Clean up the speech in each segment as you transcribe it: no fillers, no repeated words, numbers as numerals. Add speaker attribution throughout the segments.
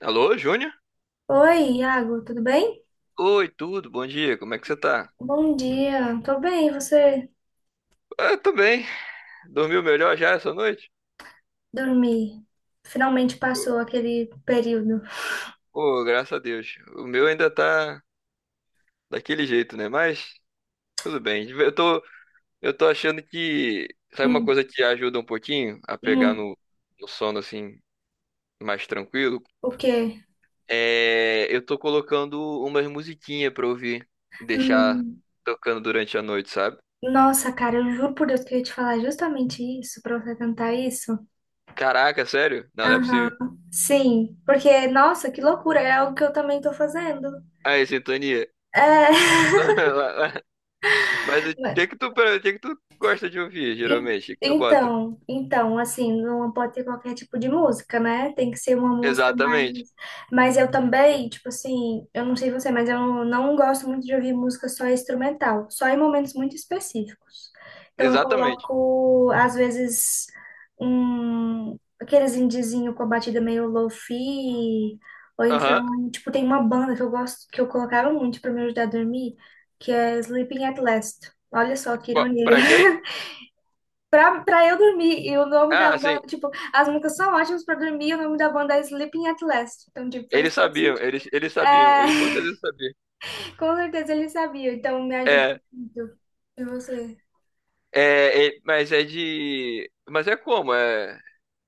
Speaker 1: Alô, Júnior?
Speaker 2: Oi, Iago, tudo bem?
Speaker 1: Oi, tudo, bom dia, como é que você tá?
Speaker 2: Bom dia, tô bem, e você
Speaker 1: Ah, tô bem. Dormiu melhor já essa noite?
Speaker 2: dormir? Finalmente passou aquele período.
Speaker 1: Pô, graças a Deus. O meu ainda tá daquele jeito, né? Mas tudo bem. Eu tô achando que, sabe uma
Speaker 2: Hum,
Speaker 1: coisa que ajuda um pouquinho a pegar
Speaker 2: hum,
Speaker 1: no sono assim, mais tranquilo?
Speaker 2: o quê?
Speaker 1: É, eu tô colocando umas musiquinhas pra ouvir e deixar
Speaker 2: Hum,
Speaker 1: tocando durante a noite, sabe?
Speaker 2: nossa, cara, eu juro por Deus que eu ia te falar justamente isso, pra você cantar isso.
Speaker 1: Caraca, sério? Não, não é possível.
Speaker 2: Aham, sim, porque, nossa, que loucura, é algo que eu também tô fazendo.
Speaker 1: Aí, sintonia.
Speaker 2: É,
Speaker 1: Mas o que que tu gosta de ouvir,
Speaker 2: En-
Speaker 1: geralmente? O que tu bota?
Speaker 2: então, assim, não pode ter qualquer tipo de música, né? Tem que ser uma música
Speaker 1: Exatamente.
Speaker 2: mais. Mas eu também, tipo assim, eu não sei você, mas eu não gosto muito de ouvir música só instrumental, só em momentos muito específicos. Então eu
Speaker 1: Exatamente.
Speaker 2: coloco, às vezes, um aqueles indiezinho com a batida meio lofi ou
Speaker 1: Aham.
Speaker 2: então, tipo, tem uma banda que eu gosto, que eu colocava muito pra me ajudar a dormir, que é Sleeping at Last. Olha só que ironia.
Speaker 1: Pra quem?
Speaker 2: Pra eu dormir, e o nome da
Speaker 1: Ah, sim.
Speaker 2: banda, tipo, as músicas são ótimas pra dormir, e o nome da banda é Sleeping at Last. Então, tipo, faz
Speaker 1: Eles
Speaker 2: todo
Speaker 1: sabiam,
Speaker 2: sentido.
Speaker 1: eles sabiam, eles com
Speaker 2: É,
Speaker 1: certeza sabiam.
Speaker 2: com certeza ele sabia, então me ajuda
Speaker 1: É,
Speaker 2: muito. E você?
Speaker 1: mas é de. Mas é como? É,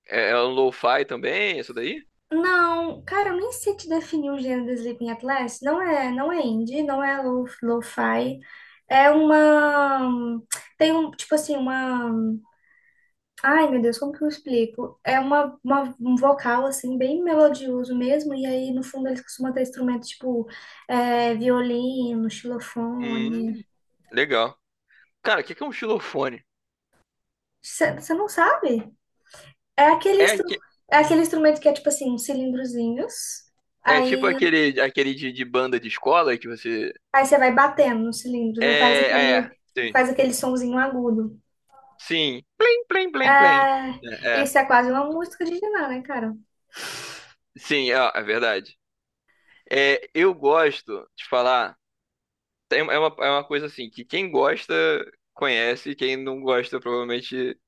Speaker 1: é, é um lo-fi também, isso daí?
Speaker 2: Não, cara, eu nem sei te definir o gênero do Sleeping at Last. Não é indie, não é lo-fi. É uma. Tem um, tipo assim, uma. Ai, meu Deus, como que eu explico? É uma- um vocal, assim, bem melodioso mesmo, e aí no fundo eles costumam ter instrumentos tipo violino, xilofone.
Speaker 1: Hum, legal. Cara, o que que é um xilofone?
Speaker 2: Você não sabe? É aquele,
Speaker 1: É,
Speaker 2: instru
Speaker 1: aque-
Speaker 2: é aquele instrumento que é tipo assim, uns cilindrozinhos,
Speaker 1: é tipo
Speaker 2: aí
Speaker 1: aquele de banda de escola que você.
Speaker 2: aí você vai batendo nos cilindros, aí
Speaker 1: É, sim.
Speaker 2: faz aquele sonzinho agudo.
Speaker 1: Sim. Plim, plim, plim, plim.
Speaker 2: É,
Speaker 1: É,
Speaker 2: isso é quase uma música de Diná, né, cara?
Speaker 1: Sim, é verdade. É, eu gosto de falar. É uma coisa assim que quem gosta conhece, quem não gosta provavelmente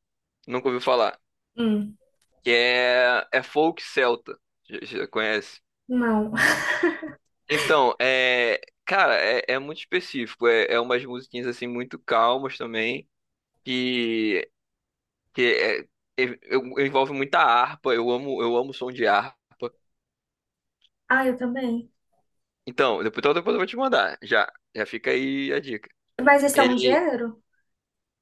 Speaker 1: nunca ouviu falar.
Speaker 2: Hum,
Speaker 1: Que é folk celta. Já conhece?
Speaker 2: não.
Speaker 1: Então, é, cara, é muito específico. É, umas musiquinhas assim muito calmas também. Que, que é- é- eu- Envolve muita harpa. Eu amo som de harpa.
Speaker 2: Ah, eu também.
Speaker 1: Então depois eu vou te mandar. Já fica aí a dica.
Speaker 2: Mas esse é um
Speaker 1: Ele,
Speaker 2: gênero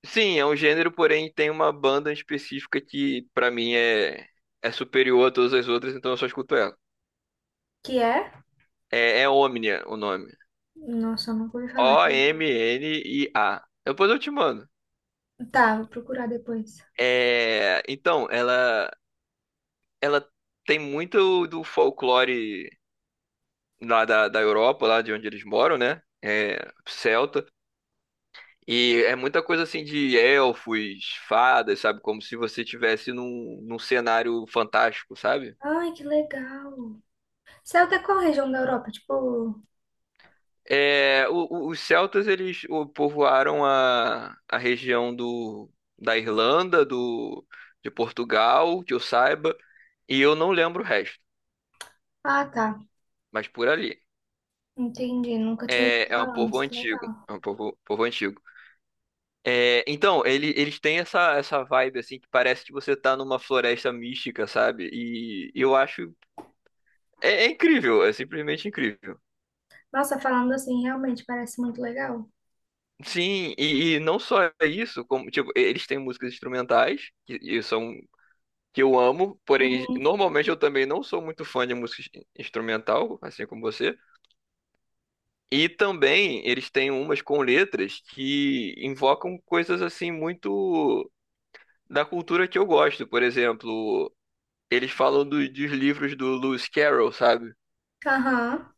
Speaker 1: Sim, é um gênero, porém tem uma banda específica que pra mim é superior a todas as outras, então eu só escuto ela.
Speaker 2: que é?
Speaker 1: É Omnia o nome.
Speaker 2: Nossa, eu nunca ouvi falar.
Speaker 1: Omnia. Depois eu te mando.
Speaker 2: Tá, vou procurar depois.
Speaker 1: É, então, ela tem muito do folclore lá da Europa, lá de onde eles moram, né? É, celta. E é muita coisa assim de elfos, fadas, sabe? Como se você estivesse num cenário fantástico, sabe?
Speaker 2: Ai, que legal. Você é da qual região da Europa? Tipo,
Speaker 1: Os celtas eles povoaram a região da Irlanda, de Portugal, que eu saiba, e eu não lembro o resto,
Speaker 2: ah, tá.
Speaker 1: mas por ali.
Speaker 2: Entendi. Nunca tinha ouvido
Speaker 1: É um
Speaker 2: falar,
Speaker 1: povo
Speaker 2: mas que
Speaker 1: antigo,
Speaker 2: legal.
Speaker 1: é um povo antigo. É, então, eles têm essa vibe assim que parece que você tá numa floresta mística, sabe? E eu acho é incrível, é simplesmente incrível.
Speaker 2: Nossa, falando assim, realmente parece muito legal.
Speaker 1: Sim, e não só isso, como tipo, eles têm músicas instrumentais, e são que eu amo, porém
Speaker 2: Uhum.
Speaker 1: normalmente eu também não sou muito fã de música instrumental, assim como você. E também eles têm umas com letras que invocam coisas assim muito da cultura que eu gosto. Por exemplo, eles falam dos livros do Lewis Carroll, sabe?
Speaker 2: Aham.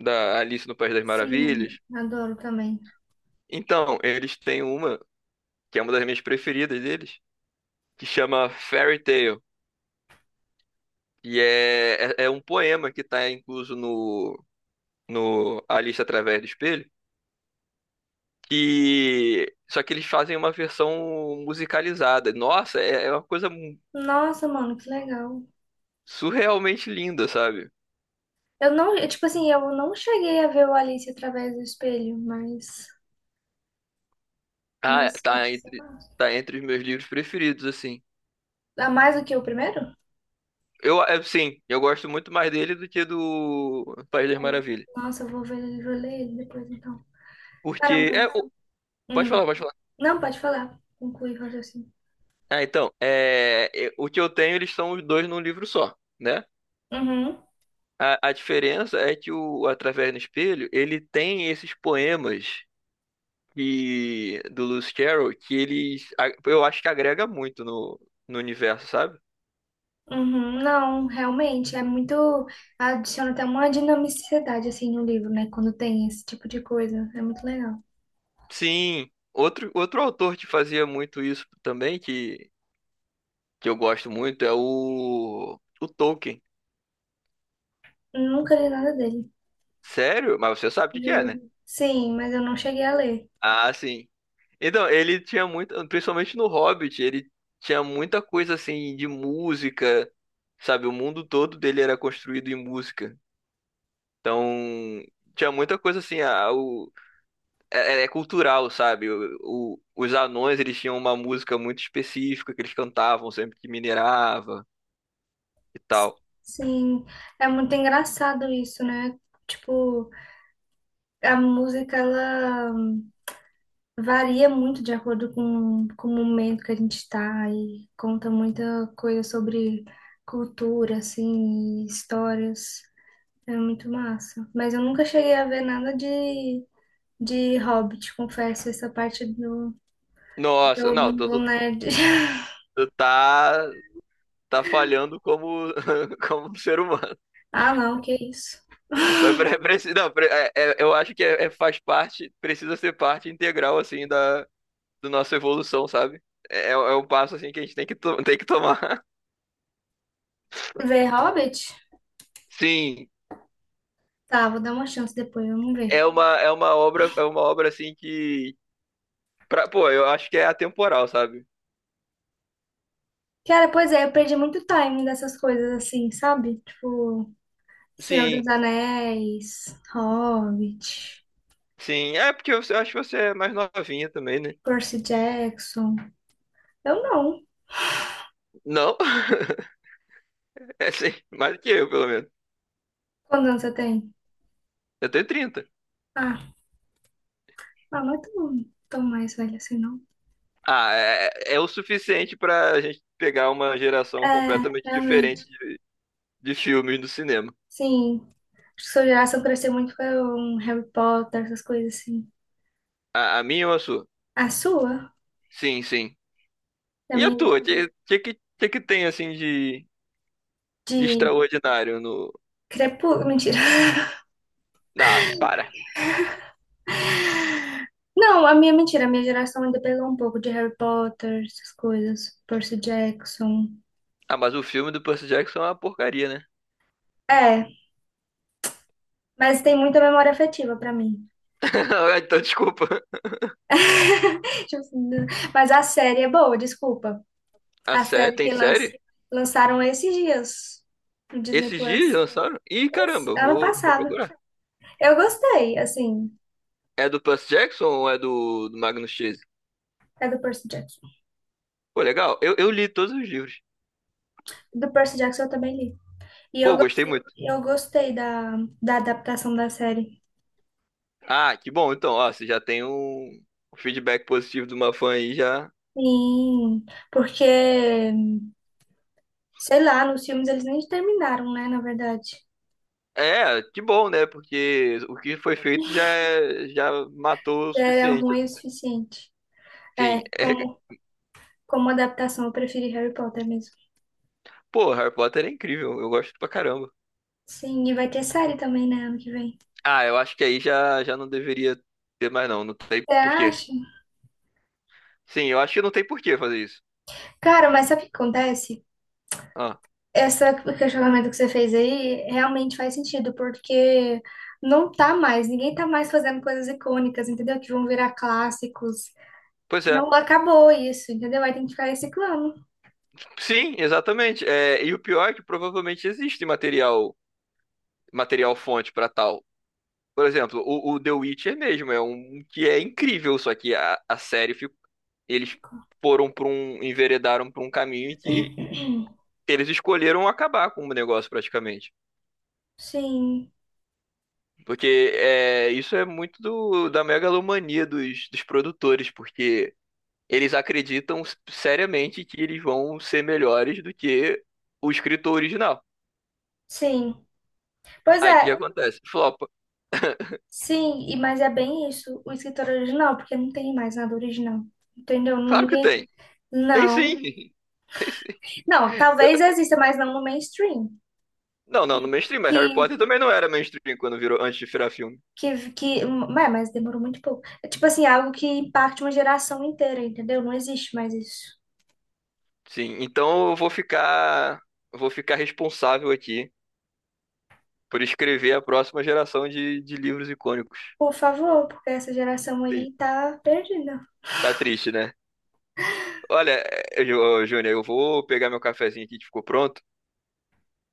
Speaker 1: Da Alice no País das Maravilhas.
Speaker 2: Sim, adoro também.
Speaker 1: Então, eles têm uma que é uma das minhas preferidas deles, que chama Fairy Tale. E é um poema que está incluso no, no, Alice Através do Espelho. E só que eles fazem uma versão musicalizada. Nossa, é uma coisa
Speaker 2: Nossa, mano, que legal.
Speaker 1: surrealmente linda, sabe?
Speaker 2: Eu não, eu, tipo assim, eu não cheguei a ver o Alice através do espelho,
Speaker 1: Ah,
Speaker 2: mas
Speaker 1: tá
Speaker 2: parece ser
Speaker 1: entre
Speaker 2: massa.
Speaker 1: tá entre os meus livros preferidos, assim.
Speaker 2: Ah, mais do que o primeiro?
Speaker 1: É, sim, eu gosto muito mais dele do que do País das
Speaker 2: Ai,
Speaker 1: Maravilhas.
Speaker 2: nossa, eu vou ver, vou ler ele depois então.
Speaker 1: Porque
Speaker 2: Caramba.
Speaker 1: é, o- Pode
Speaker 2: Hum.
Speaker 1: falar, pode falar.
Speaker 2: Não, pode falar. Conclui o raciocínio.
Speaker 1: Ah, então, o que eu tenho, eles são os dois num livro só, né?
Speaker 2: Uhum.
Speaker 1: A diferença é que o Através do Espelho, ele tem esses poemas e do Lewis Carroll que eles eu acho que agrega muito no, no universo, sabe?
Speaker 2: Uhum. Não, realmente, é muito. Adiciona até uma dinamicidade, assim, no livro, né? Quando tem esse tipo de coisa. É muito legal.
Speaker 1: Sim, outro autor que fazia muito isso também que eu gosto muito é o Tolkien.
Speaker 2: Nunca li nada dele,
Speaker 1: Sério? Mas você sabe o que que é,
Speaker 2: juro.
Speaker 1: né?
Speaker 2: Sim, mas eu não cheguei a ler.
Speaker 1: Ah, sim. Então, ele tinha muito, principalmente no Hobbit, ele tinha muita coisa assim de música, sabe? O mundo todo dele era construído em música. Então, tinha muita coisa assim, a, é, é é cultural, sabe? Os anões, eles tinham uma música muito específica que eles cantavam sempre que minerava e tal.
Speaker 2: Sim, é muito engraçado isso, né? Tipo, a música, ela. Varia muito de acordo com o momento que a gente está e conta muita coisa sobre cultura, assim, e histórias. É muito massa. Mas eu nunca cheguei a ver nada de Hobbit, confesso, essa parte do,
Speaker 1: Nossa,
Speaker 2: do
Speaker 1: não, tu,
Speaker 2: mundo
Speaker 1: tu-
Speaker 2: nerd.
Speaker 1: tu tá, tá falhando como, como um ser humano.
Speaker 2: Ah, não, que isso.
Speaker 1: Mas não, eu acho que faz parte, precisa ser parte integral, assim, da nossa evolução, sabe? É um passo, assim, que a gente tem que tomar.
Speaker 2: Ver Hobbit?
Speaker 1: Sim,
Speaker 2: Tá, vou dar uma chance depois, vamos ver.
Speaker 1: é uma obra, assim, que... Pô, eu acho que é atemporal, sabe?
Speaker 2: Cara, pois é, eu perdi muito time dessas coisas assim, sabe? Tipo, Senhor
Speaker 1: Sim.
Speaker 2: dos Anéis, Hobbit.
Speaker 1: Sim, é porque eu acho que você é mais novinha também, né?
Speaker 2: Percy Jackson. Eu não.
Speaker 1: Não? É sim, mais do que eu, pelo menos.
Speaker 2: Quantos anos você tem?
Speaker 1: Eu tenho 30.
Speaker 2: Ah, ah, não é tão mais velho assim, não.
Speaker 1: Ah, é o suficiente pra gente pegar uma geração
Speaker 2: É,
Speaker 1: completamente diferente
Speaker 2: realmente.
Speaker 1: de, filmes do cinema.
Speaker 2: Sim. Acho que sua geração cresceu muito com um Harry Potter, essas coisas assim.
Speaker 1: A minha ou a sua?
Speaker 2: A sua?
Speaker 1: Sim, sim.
Speaker 2: A
Speaker 1: E a
Speaker 2: minha
Speaker 1: tua? O que que tem, assim, de
Speaker 2: de
Speaker 1: extraordinário no...
Speaker 2: Crepúsculo. Mentira.
Speaker 1: Ah, para.
Speaker 2: Não, a minha mentira. A minha geração ainda pegou um pouco de Harry Potter, essas coisas. Percy Jackson.
Speaker 1: Ah, mas o filme do Percy Jackson é uma porcaria, né?
Speaker 2: É, mas tem muita memória afetiva pra mim.
Speaker 1: Ah, então, desculpa.
Speaker 2: Tipo assim, mas a série é boa, desculpa. A série
Speaker 1: Tem
Speaker 2: que lan-
Speaker 1: série?
Speaker 2: lançaram esses dias no Disney
Speaker 1: Esses dias
Speaker 2: Plus.
Speaker 1: lançaram? Ih, caramba,
Speaker 2: Esse-
Speaker 1: eu
Speaker 2: ano
Speaker 1: vou, vou
Speaker 2: passado.
Speaker 1: procurar.
Speaker 2: Eu gostei, assim.
Speaker 1: É do Percy Jackson ou é do Magnus Chase?
Speaker 2: É do Percy Jackson.
Speaker 1: Pô, legal. Eu li todos os livros.
Speaker 2: Do Percy Jackson eu também li. E eu,
Speaker 1: Pô, gostei
Speaker 2: gos-
Speaker 1: muito.
Speaker 2: eu gostei da adaptação da série.
Speaker 1: Ah, que bom. Então, ó, você já tem um feedback positivo de uma fã aí já.
Speaker 2: Sim, porque, sei lá, nos filmes eles nem terminaram, né? Na verdade.
Speaker 1: É, que bom, né? Porque o que foi feito já matou o
Speaker 2: Já era
Speaker 1: suficiente.
Speaker 2: ruim o suficiente.
Speaker 1: Sim.
Speaker 2: É,
Speaker 1: É...
Speaker 2: como, como adaptação, eu preferi Harry Potter mesmo.
Speaker 1: Pô, Harry Potter é incrível. Eu gosto pra caramba.
Speaker 2: Sim, e vai ter série também, né? Ano que vem.
Speaker 1: Ah, eu acho que aí já não deveria ter mais, não. Não tem
Speaker 2: Você
Speaker 1: porquê.
Speaker 2: acha?
Speaker 1: Sim, eu acho que não tem porquê fazer isso.
Speaker 2: Cara, mas sabe o que acontece?
Speaker 1: Ah,
Speaker 2: Esse questionamento que você fez aí realmente faz sentido, porque não tá mais, ninguém tá mais fazendo coisas icônicas, entendeu? Que vão virar clássicos.
Speaker 1: pois é.
Speaker 2: Não acabou isso, entendeu? Aí tem que ficar reciclando.
Speaker 1: Sim, exatamente. É, e o pior é que provavelmente existe material fonte para tal. Por exemplo, o The Witcher mesmo é um que é incrível, só que a série ficou, eles foram enveredaram para um caminho em que eles escolheram acabar com o negócio praticamente.
Speaker 2: Sim,
Speaker 1: Porque isso é muito da megalomania dos produtores, porque eles acreditam seriamente que eles vão ser melhores do que o escritor original.
Speaker 2: sim. Pois
Speaker 1: Aí o que
Speaker 2: é,
Speaker 1: acontece? Flopa.
Speaker 2: sim, e mas é bem isso, o escritor original, porque não tem mais nada original, entendeu?
Speaker 1: Claro que
Speaker 2: Ninguém.
Speaker 1: tem. Tem
Speaker 2: Não.
Speaker 1: sim. Tem sim.
Speaker 2: Não, talvez exista, mas não no mainstream.
Speaker 1: Não, não, no mainstream, mas Harry
Speaker 2: Que
Speaker 1: Potter também não era mainstream quando virou, antes de virar filme.
Speaker 2: que mas demorou muito pouco. É tipo assim, algo que impacte uma geração inteira, entendeu? Não existe mais isso.
Speaker 1: Sim, então eu vou ficar responsável aqui por escrever a próxima geração de, livros icônicos.
Speaker 2: Por favor, porque essa geração
Speaker 1: Sim,
Speaker 2: aí tá perdida.
Speaker 1: tá triste, né? Olha, ô, Júnior, eu vou pegar meu cafezinho aqui que ficou pronto.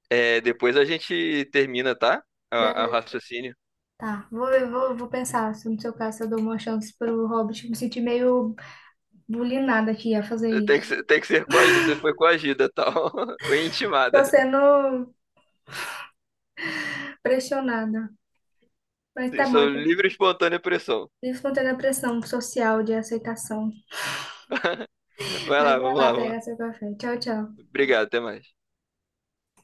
Speaker 1: É, depois a gente termina, tá? A
Speaker 2: Beleza.
Speaker 1: raciocínio.
Speaker 2: Tá, vou pensar se no seu caso eu dou uma chance pro Hobbit. Me senti meio bulinada aqui a fazer
Speaker 1: Eh,
Speaker 2: isso.
Speaker 1: tem que ser coagi- Você foi coagida, tal. Foi
Speaker 2: Tô
Speaker 1: intimada.
Speaker 2: sendo pressionada. Mas tá
Speaker 1: Isso
Speaker 2: bom,
Speaker 1: é
Speaker 2: então.
Speaker 1: livre e espontânea pressão.
Speaker 2: Vivo contando a pressão social de aceitação.
Speaker 1: Vai
Speaker 2: Mas
Speaker 1: lá,
Speaker 2: vai
Speaker 1: vamos
Speaker 2: lá
Speaker 1: lá, vamos lá.
Speaker 2: pega seu café. Tchau, tchau.
Speaker 1: Obrigado, até mais.